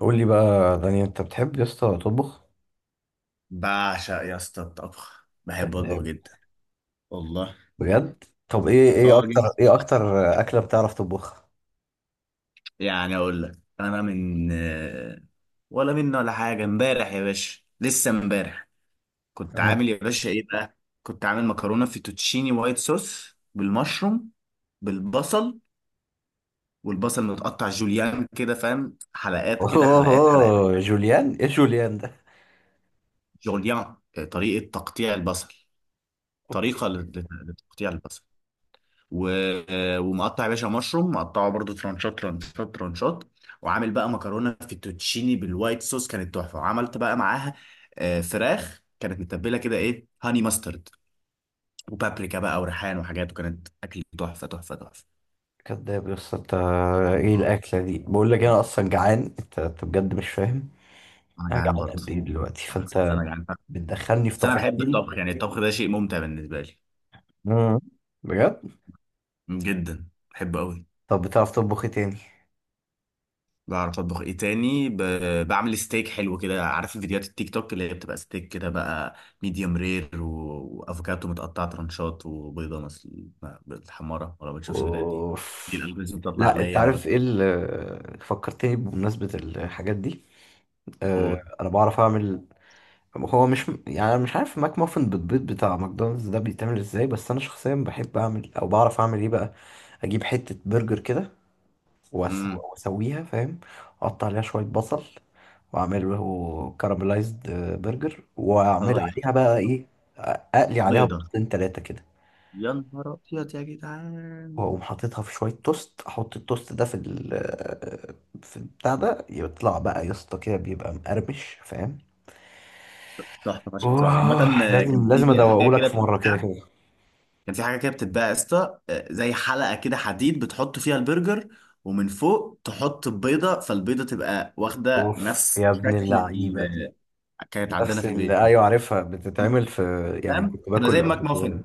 قول لي بقى داني، انت بتحب يا اسطى تطبخ؟ بعشق يا اسطى الطبخ. بحب اطبخ كذاب. جدا. والله. بجد؟ طب ايه ايه اه، اكتر جدا. ايه اكتر اكله بتعرف تطبخها؟ يعني اقول لك انا من ولا منه ولا حاجه. امبارح يا باشا، لسه امبارح كنت آه. عامل يا باشا ايه بقى؟ كنت عامل مكرونه فيتوتشيني وايت صوص بالمشروم، بالبصل. والبصل متقطع جوليان كده، فاهم؟ حلقات كده، حلقات حلقات. اوه، جوليان؟ ايه جوليان ده؟ جوليان، طريقه تقطيع البصل. اوكي. طريقه لتقطيع البصل و... ومقطع يا باشا مشروم، مقطعه برضو ترانشات ترانشات ترانشات. وعامل بقى مكرونه فيتوتشيني بالوايت صوص، كانت تحفه. وعملت بقى معاها فراخ كانت متبله كده ايه، هاني ماسترد وبابريكا بقى وريحان وحاجات. وكانت اكل تحفه تحفه تحفه. كذاب يا اسطى انت. ايه آه، الاكله دي؟ بقول لك انا اصلا جعان. انت بجد مش فاهم. انا انا جعان جعان قد برضه. ايه دلوقتي، انا صدق، فانت انا جعان. بتدخلني في بس انا بحب تفاصيل. الطبخ، يعني الطبخ ده شيء ممتع بالنسبه لي. مم. بجد. جدا بحبه قوي. طب بتعرف تطبخ ايه تاني؟ بعرف اطبخ ايه تاني؟ بعمل ستيك حلو كده. عارف فيديوهات التيك توك اللي هي بتبقى ستيك كده بقى، ميديوم رير وافوكاتو متقطع ترانشات وبيضه مثل بالحماره؟ ولا ما بتشوفش الفيديوهات دي؟ اوف. دي الالجوريزم بتطلع لا، انت عليا انا بقى. عارف ايه اللي فكرتني بمناسبه الحاجات دي؟ قول. انا بعرف اعمل. هو، مش يعني، أنا مش عارف ماك مافن بالبيض بتاع ماكدونالدز ده بيتعمل ازاي. بس انا شخصيا بحب اعمل او بعرف اعمل ايه بقى؟ اجيب حتة برجر كده، امم. واسويها، فاهم؟ اقطع عليها شوية بصل، واعمل له كاراميلايزد برجر، واعمل اه يا عليها بقى خبر. ايه؟ اقلي عليها بيضه. بيضتين تلاتة كده، يا نهار ابيض يا جدعان. واقوم حاططها في شوية توست، احط التوست ده في البتاع ده، يطلع بقى يا اسطى كده، بيبقى مقرمش، فاهم؟ تحفه فشخ بصراحه، عامه. اوه، آه، كانت لازم بتيجي حاجه ادوقهولك كده، في مرة كده بتحبها؟ كده. كان في حاجه كده بتتباع يا اسطى، زي حلقه كده حديد بتحط فيها البرجر، ومن فوق تحط البيضه. فالبيضه تبقى واخده اوف نفس يا ابن شكل اللعيبه! كانت عندنا نفس في البيت. اللي، ايوه، عارفها بتتعمل في. يعني فاهم؟ كنت تبقى زي باكل قبل الماك كده. مافن.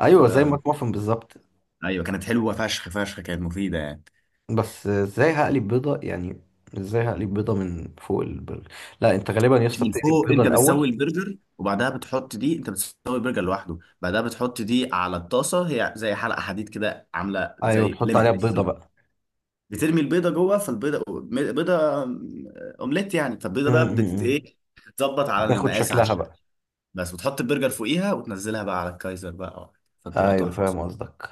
ايوه، زي تبقى ماك مافن بالظبط. ايوه. كانت حلوه فشخ فشخ، كانت مفيده يعني. بس ازاي هقلب بيضه يعني؟ ازاي هقلب بيضه من فوق البرجر؟ لا، انت غالبا يا اسطى من بتقلب فوق بيضه انت بتسوي الاول. البرجر، وبعدها بتحط دي. انت بتسوي البرجر لوحده، بعدها بتحط دي على الطاسه. هي زي حلقه حديد كده، عامله ايوه، زي تحط عليها ليميت. البيضه بقى. بترمي البيضه جوه. فالبيضه، بيضه اومليت يعني. م- فالبيضه بقى بتت م- م. ايه، بتتظبط على بتاخد المقاس، على شكلها الشكل. بقى. بس وتحط البرجر فوقيها، وتنزلها بقى على الكايزر بقى. فبتبقى ايوه تحفه فاهم بصراحه. قصدك.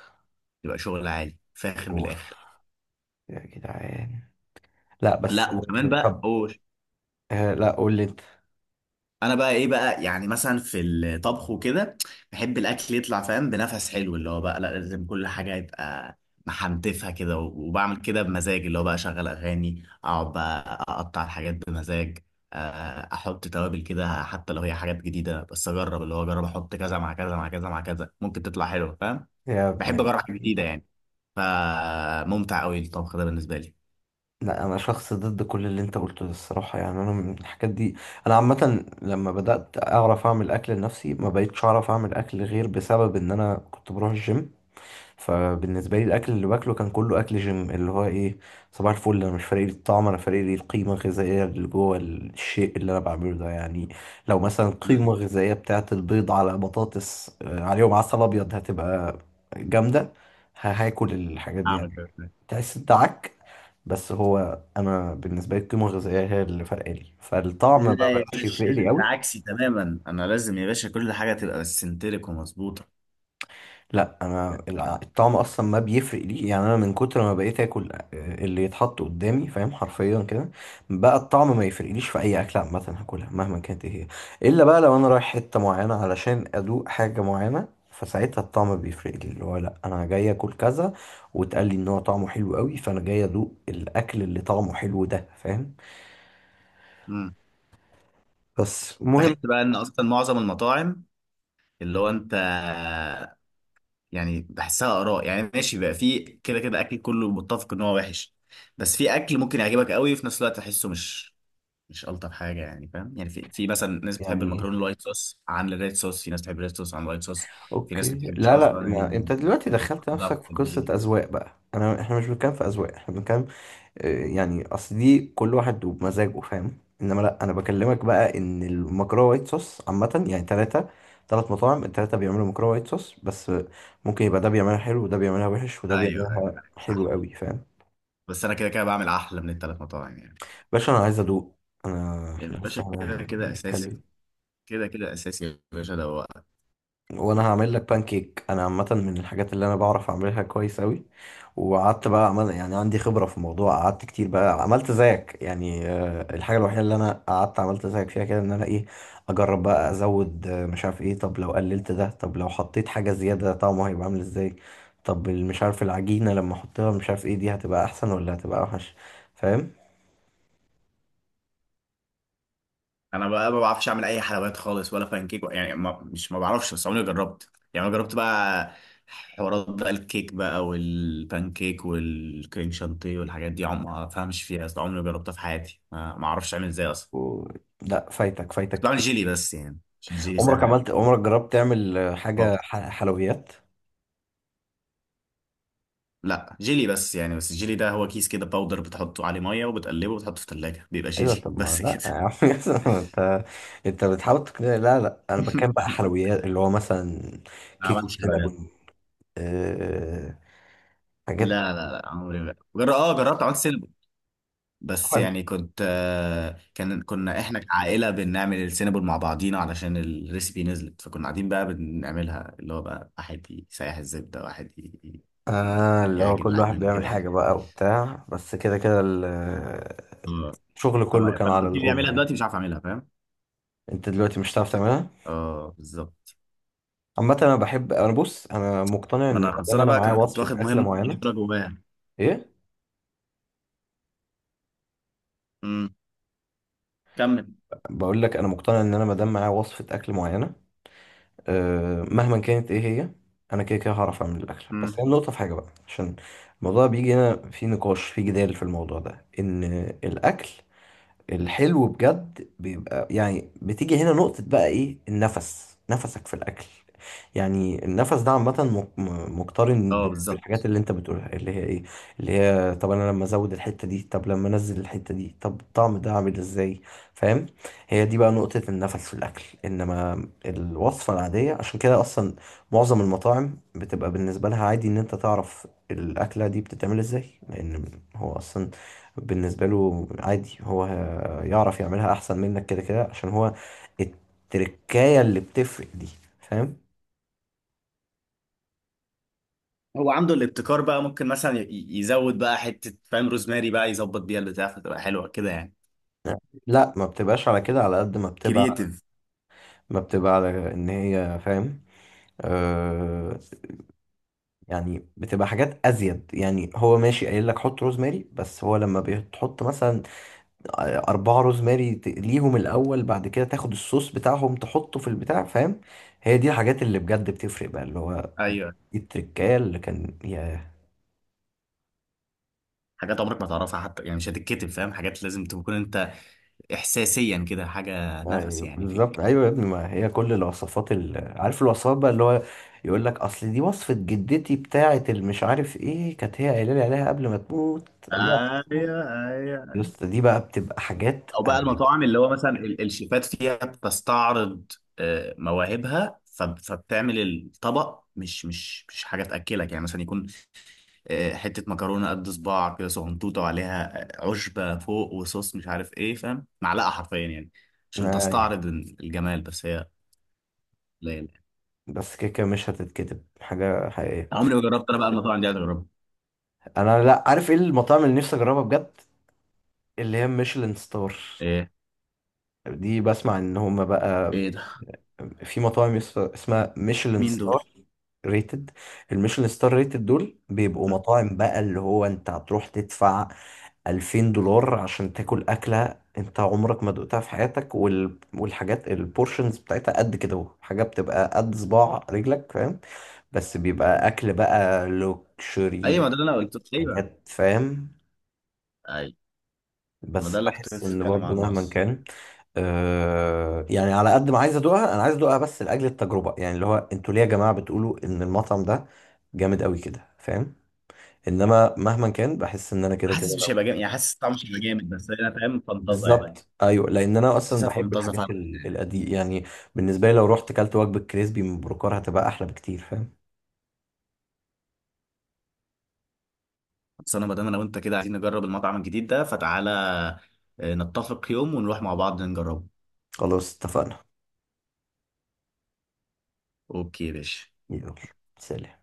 بتبقى شغل عالي فاخر من اوف. الاخر. يا جدعان! لا بس. لا وكمان بقى، طب. قول. لا، قول لي انت. انا بقى ايه بقى؟ يعني مثلا في الطبخ وكده، بحب الاكل يطلع فاهم بنفس حلو. اللي هو بقى لا، لازم كل حاجه يبقى محنتفها كده. وبعمل كده بمزاج اللي هو بقى، اشغل اغاني، اقعد بقى اقطع الحاجات بمزاج. احط توابل كده. حتى لو هي حاجات جديده، بس اجرب. اللي هو اجرب احط كذا مع كذا مع كذا مع كذا، ممكن تطلع حلوه. فاهم؟ يا ابن بحب اجرب حاجه جديده اللعيبه! يعني. فممتع قوي الطبخ ده بالنسبه لي. لا، انا شخص ضد كل اللي انت قلته ده الصراحه. يعني انا من الحاجات دي. انا عامه لما بدات اعرف اعمل اكل لنفسي، ما بقيتش اعرف اعمل اكل غير بسبب ان انا كنت بروح الجيم. فبالنسبه لي الاكل اللي باكله كان كله اكل جيم، اللي هو ايه؟ صباح الفل. انا مش فارق لي الطعم، انا فارق لي القيمه الغذائيه اللي جوه الشيء اللي انا بعمله ده يعني. لو مثلا مم. قيمه غذائيه بتاعت البيض على بطاطس، عليهم عسل ابيض، هتبقى جامده. هاكل الحاجات دي اعمل يعني. كده. تحس انت عك. بس هو انا بالنسبه لي، القيمه الغذائيه هي اللي فرقالي لي، فالطعم ما لا يا بقاش يفرق باشا، لي انت قوي. عكسي تماما. انا لازم يا باشا كل حاجه تبقى سنتريك ومظبوطه. لا، انا الطعم اصلا ما بيفرق لي. يعني انا من كتر ما بقيت اكل، اللي يتحط قدامي، فاهم، حرفيا كده. بقى الطعم ما يفرقليش في اي اكله عامه، هاكلها مهما كانت ايه هي. الا بقى لو انا رايح حته معينه علشان ادوق حاجه معينه، فساعتها الطعم بيفرق لي، اللي هو لا، انا جاي اكل كذا. واتقال لي ان هو طعمه حلو قوي، فانا جاي ادوق الاكل اللي طعمه حلو ده، فاهم؟ امم. بس بحس المهم. بقى ان اصلا معظم المطاعم، اللي هو انت، يعني بحسها اراء. يعني ماشي بقى، في كده كده اكل كله متفق ان هو وحش. بس في اكل ممكن يعجبك قوي، وفي نفس الوقت تحسه مش الطف حاجه يعني. فاهم يعني؟ في مثلا ناس بتحب يعني إيه؟ المكرونه الوايت صوص عن الريد صوص. في ناس بتحب الريد صوص عن الوايت صوص. في اوكي. ناس ما بتحبش لا لا، اصلا ما انت دلوقتي دخلت البطاطا نفسك في في قصة البيض. اذواق بقى، احنا مش بنتكلم في اذواق، احنا بنتكلم. يعني اصل دي كل واحد وبمزاجه، فاهم، انما لا، انا بكلمك بقى ان المكرونة وايت صوص عامة، يعني ثلاث مطاعم، الثلاثة بيعملوا مكرونة وايت صوص، بس ممكن يبقى ده بيعملها حلو وده بيعملها وحش وده ايوه، ايوه، بيعملها أيوة، حلو صح. قوي، فاهم؟ بس انا كده كده بعمل احلى من الثلاث مطاعم يعني. باشا، انا عايز ادوق. انا يا احنا لسه باشا كده كده اساسي. هنتكلم. كده كده اساسي يا باشا، ده هو. وانا هعمل لك بانكيك. انا عامه من الحاجات اللي انا بعرف اعملها كويس قوي. وقعدت بقى عمل، يعني عندي خبره في الموضوع، قعدت كتير بقى عملت زيك يعني. الحاجه الوحيده اللي انا قعدت عملت زيك فيها كده ان انا ايه؟ اجرب بقى، ازود مش عارف ايه. طب لو قللت ده، طب لو حطيت حاجه زياده، طعمه هيبقى عامل ازاي؟ طب مش عارف العجينه لما احطها مش عارف ايه، دي هتبقى احسن ولا هتبقى اوحش؟ فاهم؟ انا بقى ما بعرفش اعمل اي حلويات خالص، ولا فانكيك يعني. ما بعرفش. بس عمري ما جربت يعني. انا جربت بقى حوارات بقى، الكيك بقى والبانكيك والكريم شانتيه والحاجات دي. عم ما فهمش فيها اصلا. عمري ما جربتها في حياتي. ما اعرفش اعمل ازاي اصلا. و... لا، فايتك فايتك كنت بعمل كتير. جيلي بس يعني، عشان الجيلي سهل عمرك جربت تعمل حاجه فقط. حلويات؟ لا، جيلي بس يعني. بس الجيلي ده هو كيس كده باودر، بتحطه عليه ميه وبتقلبه وبتحطه في الثلاجه، بيبقى ايوه، جيلي طب ما بس لا كده. يا عم ياسر، ما انت بتحاول تقنعني. لا لا، انا بتكلم بقى حلويات، اللي هو مثلا ما كيك عملتش حلويات. السينابون، أه... حاجات بقى. لا لا لا، عمري ما اه جربت عملت سينابل. بس عمل- يعني كنت كنا احنا كعائله بنعمل السينابل مع بعضينا، علشان الريسبي نزلت. فكنا قاعدين بقى بنعملها، اللي هو بقى واحد يسيح الزبده، واحد اللي هو يعجن كل واحد العجينه كده بيعمل يعني. حاجة بقى وبتاع، بس كده كده ال- اه. الشغل كله كان فانا على قلت لي الأم اعملها يعني. دلوقتي، مش عارف اعملها. فاهم؟ انت دلوقتي مش هتعرف تعملها. اه بالظبط. عامة انا مقتنع ما ان ما انا دام خلصانه انا بقى. معايا كنت وصفة واخد اكلة مهمه معينة. صغيره جوايا. ايه؟ امم. كمل. بقول لك انا مقتنع ان انا ما دام معايا وصفة اكل معينة، مهما كانت ايه هي. انا كده كده هعرف اعمل الاكل. بس امم. هي النقطه في حاجه بقى، عشان الموضوع بيجي هنا، في نقاش، في جدال في الموضوع ده، ان الاكل الحلو بجد بيبقى، يعني بتيجي هنا نقطة، بقى ايه النفس، نفسك في الأكل. يعني النفس ده عامة مقترن اه بالحاجات بالظبط. اللي انت بتقولها، اللي هي ايه؟ اللي هي طب انا لما ازود الحتة دي، طب لما انزل الحتة دي، طب الطعم ده عامل ازاي؟ فاهم؟ هي دي بقى نقطة النفس في الأكل. انما الوصفة العادية، عشان كده اصلا معظم المطاعم بتبقى بالنسبة لها عادي ان انت تعرف الأكلة دي بتتعمل ازاي، لأن هو اصلا بالنسبة له عادي، هو يعرف يعملها احسن منك كده كده، عشان هو التركاية اللي بتفرق دي. فاهم؟ هو عنده الابتكار بقى. ممكن مثلا يزود بقى حتة، فاهم؟ روزماري بقى يظبط بيها البتاع، فتبقى حلوة كده يعني. لا، ما بتبقاش على كده، على قد ما بتبقى كرييتيف. ما بتبقى على ان هي، فاهم. آه يعني بتبقى حاجات ازيد، يعني هو ماشي قايل لك حط روزماري، بس هو لما بتحط مثلا اربعة روزماري، تقليهم الاول، بعد كده تاخد الصوص بتاعهم تحطه في البتاع، فاهم. هي دي الحاجات اللي بجد بتفرق بقى، اللي هو ايوه. دي التركايه اللي كان. حاجات عمرك ما تعرفها حتى يعني، مش هتتكتب. فاهم؟ حاجات لازم تكون انت احساسيا كده، حاجة نفس ايوه يعني بالظبط، فيك. ايوه يا ابني، ما هي كل الوصفات عارف الوصفات بقى، اللي هو يقول لك اصل دي وصفه جدتي بتاعه المش عارف ايه، كانت هي قايله لي عليها قبل ما تموت. الله يرحمها. ايوه يا ايوه. اسطى دي بقى بتبقى حاجات. او بقى المطاعم اللي هو مثلا الشيفات فيها بتستعرض مواهبها. فبتعمل الطبق مش حاجة تأكلك. يعني مثلا يكون حتة مكرونة قد صباع كده، صغنطوطة، وعليها عشبة فوق، وصوص مش عارف ايه. فاهم؟ معلقة حرفيا يعني. عشان انا، أيوة. تستعرض الجمال، بس هي قليلة. بس كده كده مش هتتكتب حاجه حقيقيه. عمري ما جربت انا بقى المطاعم دي، عايز اجربها. انا، لا، عارف ايه المطاعم اللي نفسي اجربها بجد؟ اللي هي ميشلان ستار. ايه؟ دي بسمع ان هما بقى ايه ده؟ في مطاعم اسمها ميشلان مين دول؟ ستار ريتد. الميشلان ستار ريتد دول بيبقوا م. مطاعم بقى، اللي هو انت هتروح تدفع 2000 دولار عشان تاكل أكلة انت عمرك ما دقتها في حياتك، والحاجات البورشنز بتاعتها قد كده اهو، حاجة بتبقى قد صباع رجلك، فاهم. بس بيبقى أكل بقى لوكشري ايوه، ما بقى، ده اللي انا قلت. ايوه حاجات، فاهم. ايوه، ما ده بس اللي كنت بحس لسه ان بتكلم برضو عنه مهما اصلا. كان يعني، على قد ما عايز ادوقها انا عايز ادوقها بس لاجل التجربه، يعني اللي هو انتوا ليه يا جماعه بتقولوا ان المطعم ده جامد قوي كده، فاهم. انما مهما كان بحس ان انا كده كده، حاسس مش هيبقى لو جامد يعني، حاسس طعمه مش هيبقى جامد، بس انا فاهم فانتازه يعني. بالظبط، ايوه، لان انا اصلا حاسسها بحب فانتازه فعلا. الحاجات القديمه يعني. بالنسبه لي لو رحت كلت وجبه كريسبي من بروكار هتبقى احلى بكتير، فاهم. بس انا، ما دام انا وانت كده عايزين نجرب المطعم الجديد ده، فتعالى نتفق يوم ونروح مع بعض نجربه. خلاص اتفقنا. اوكي يا باشا. يلا. سلام.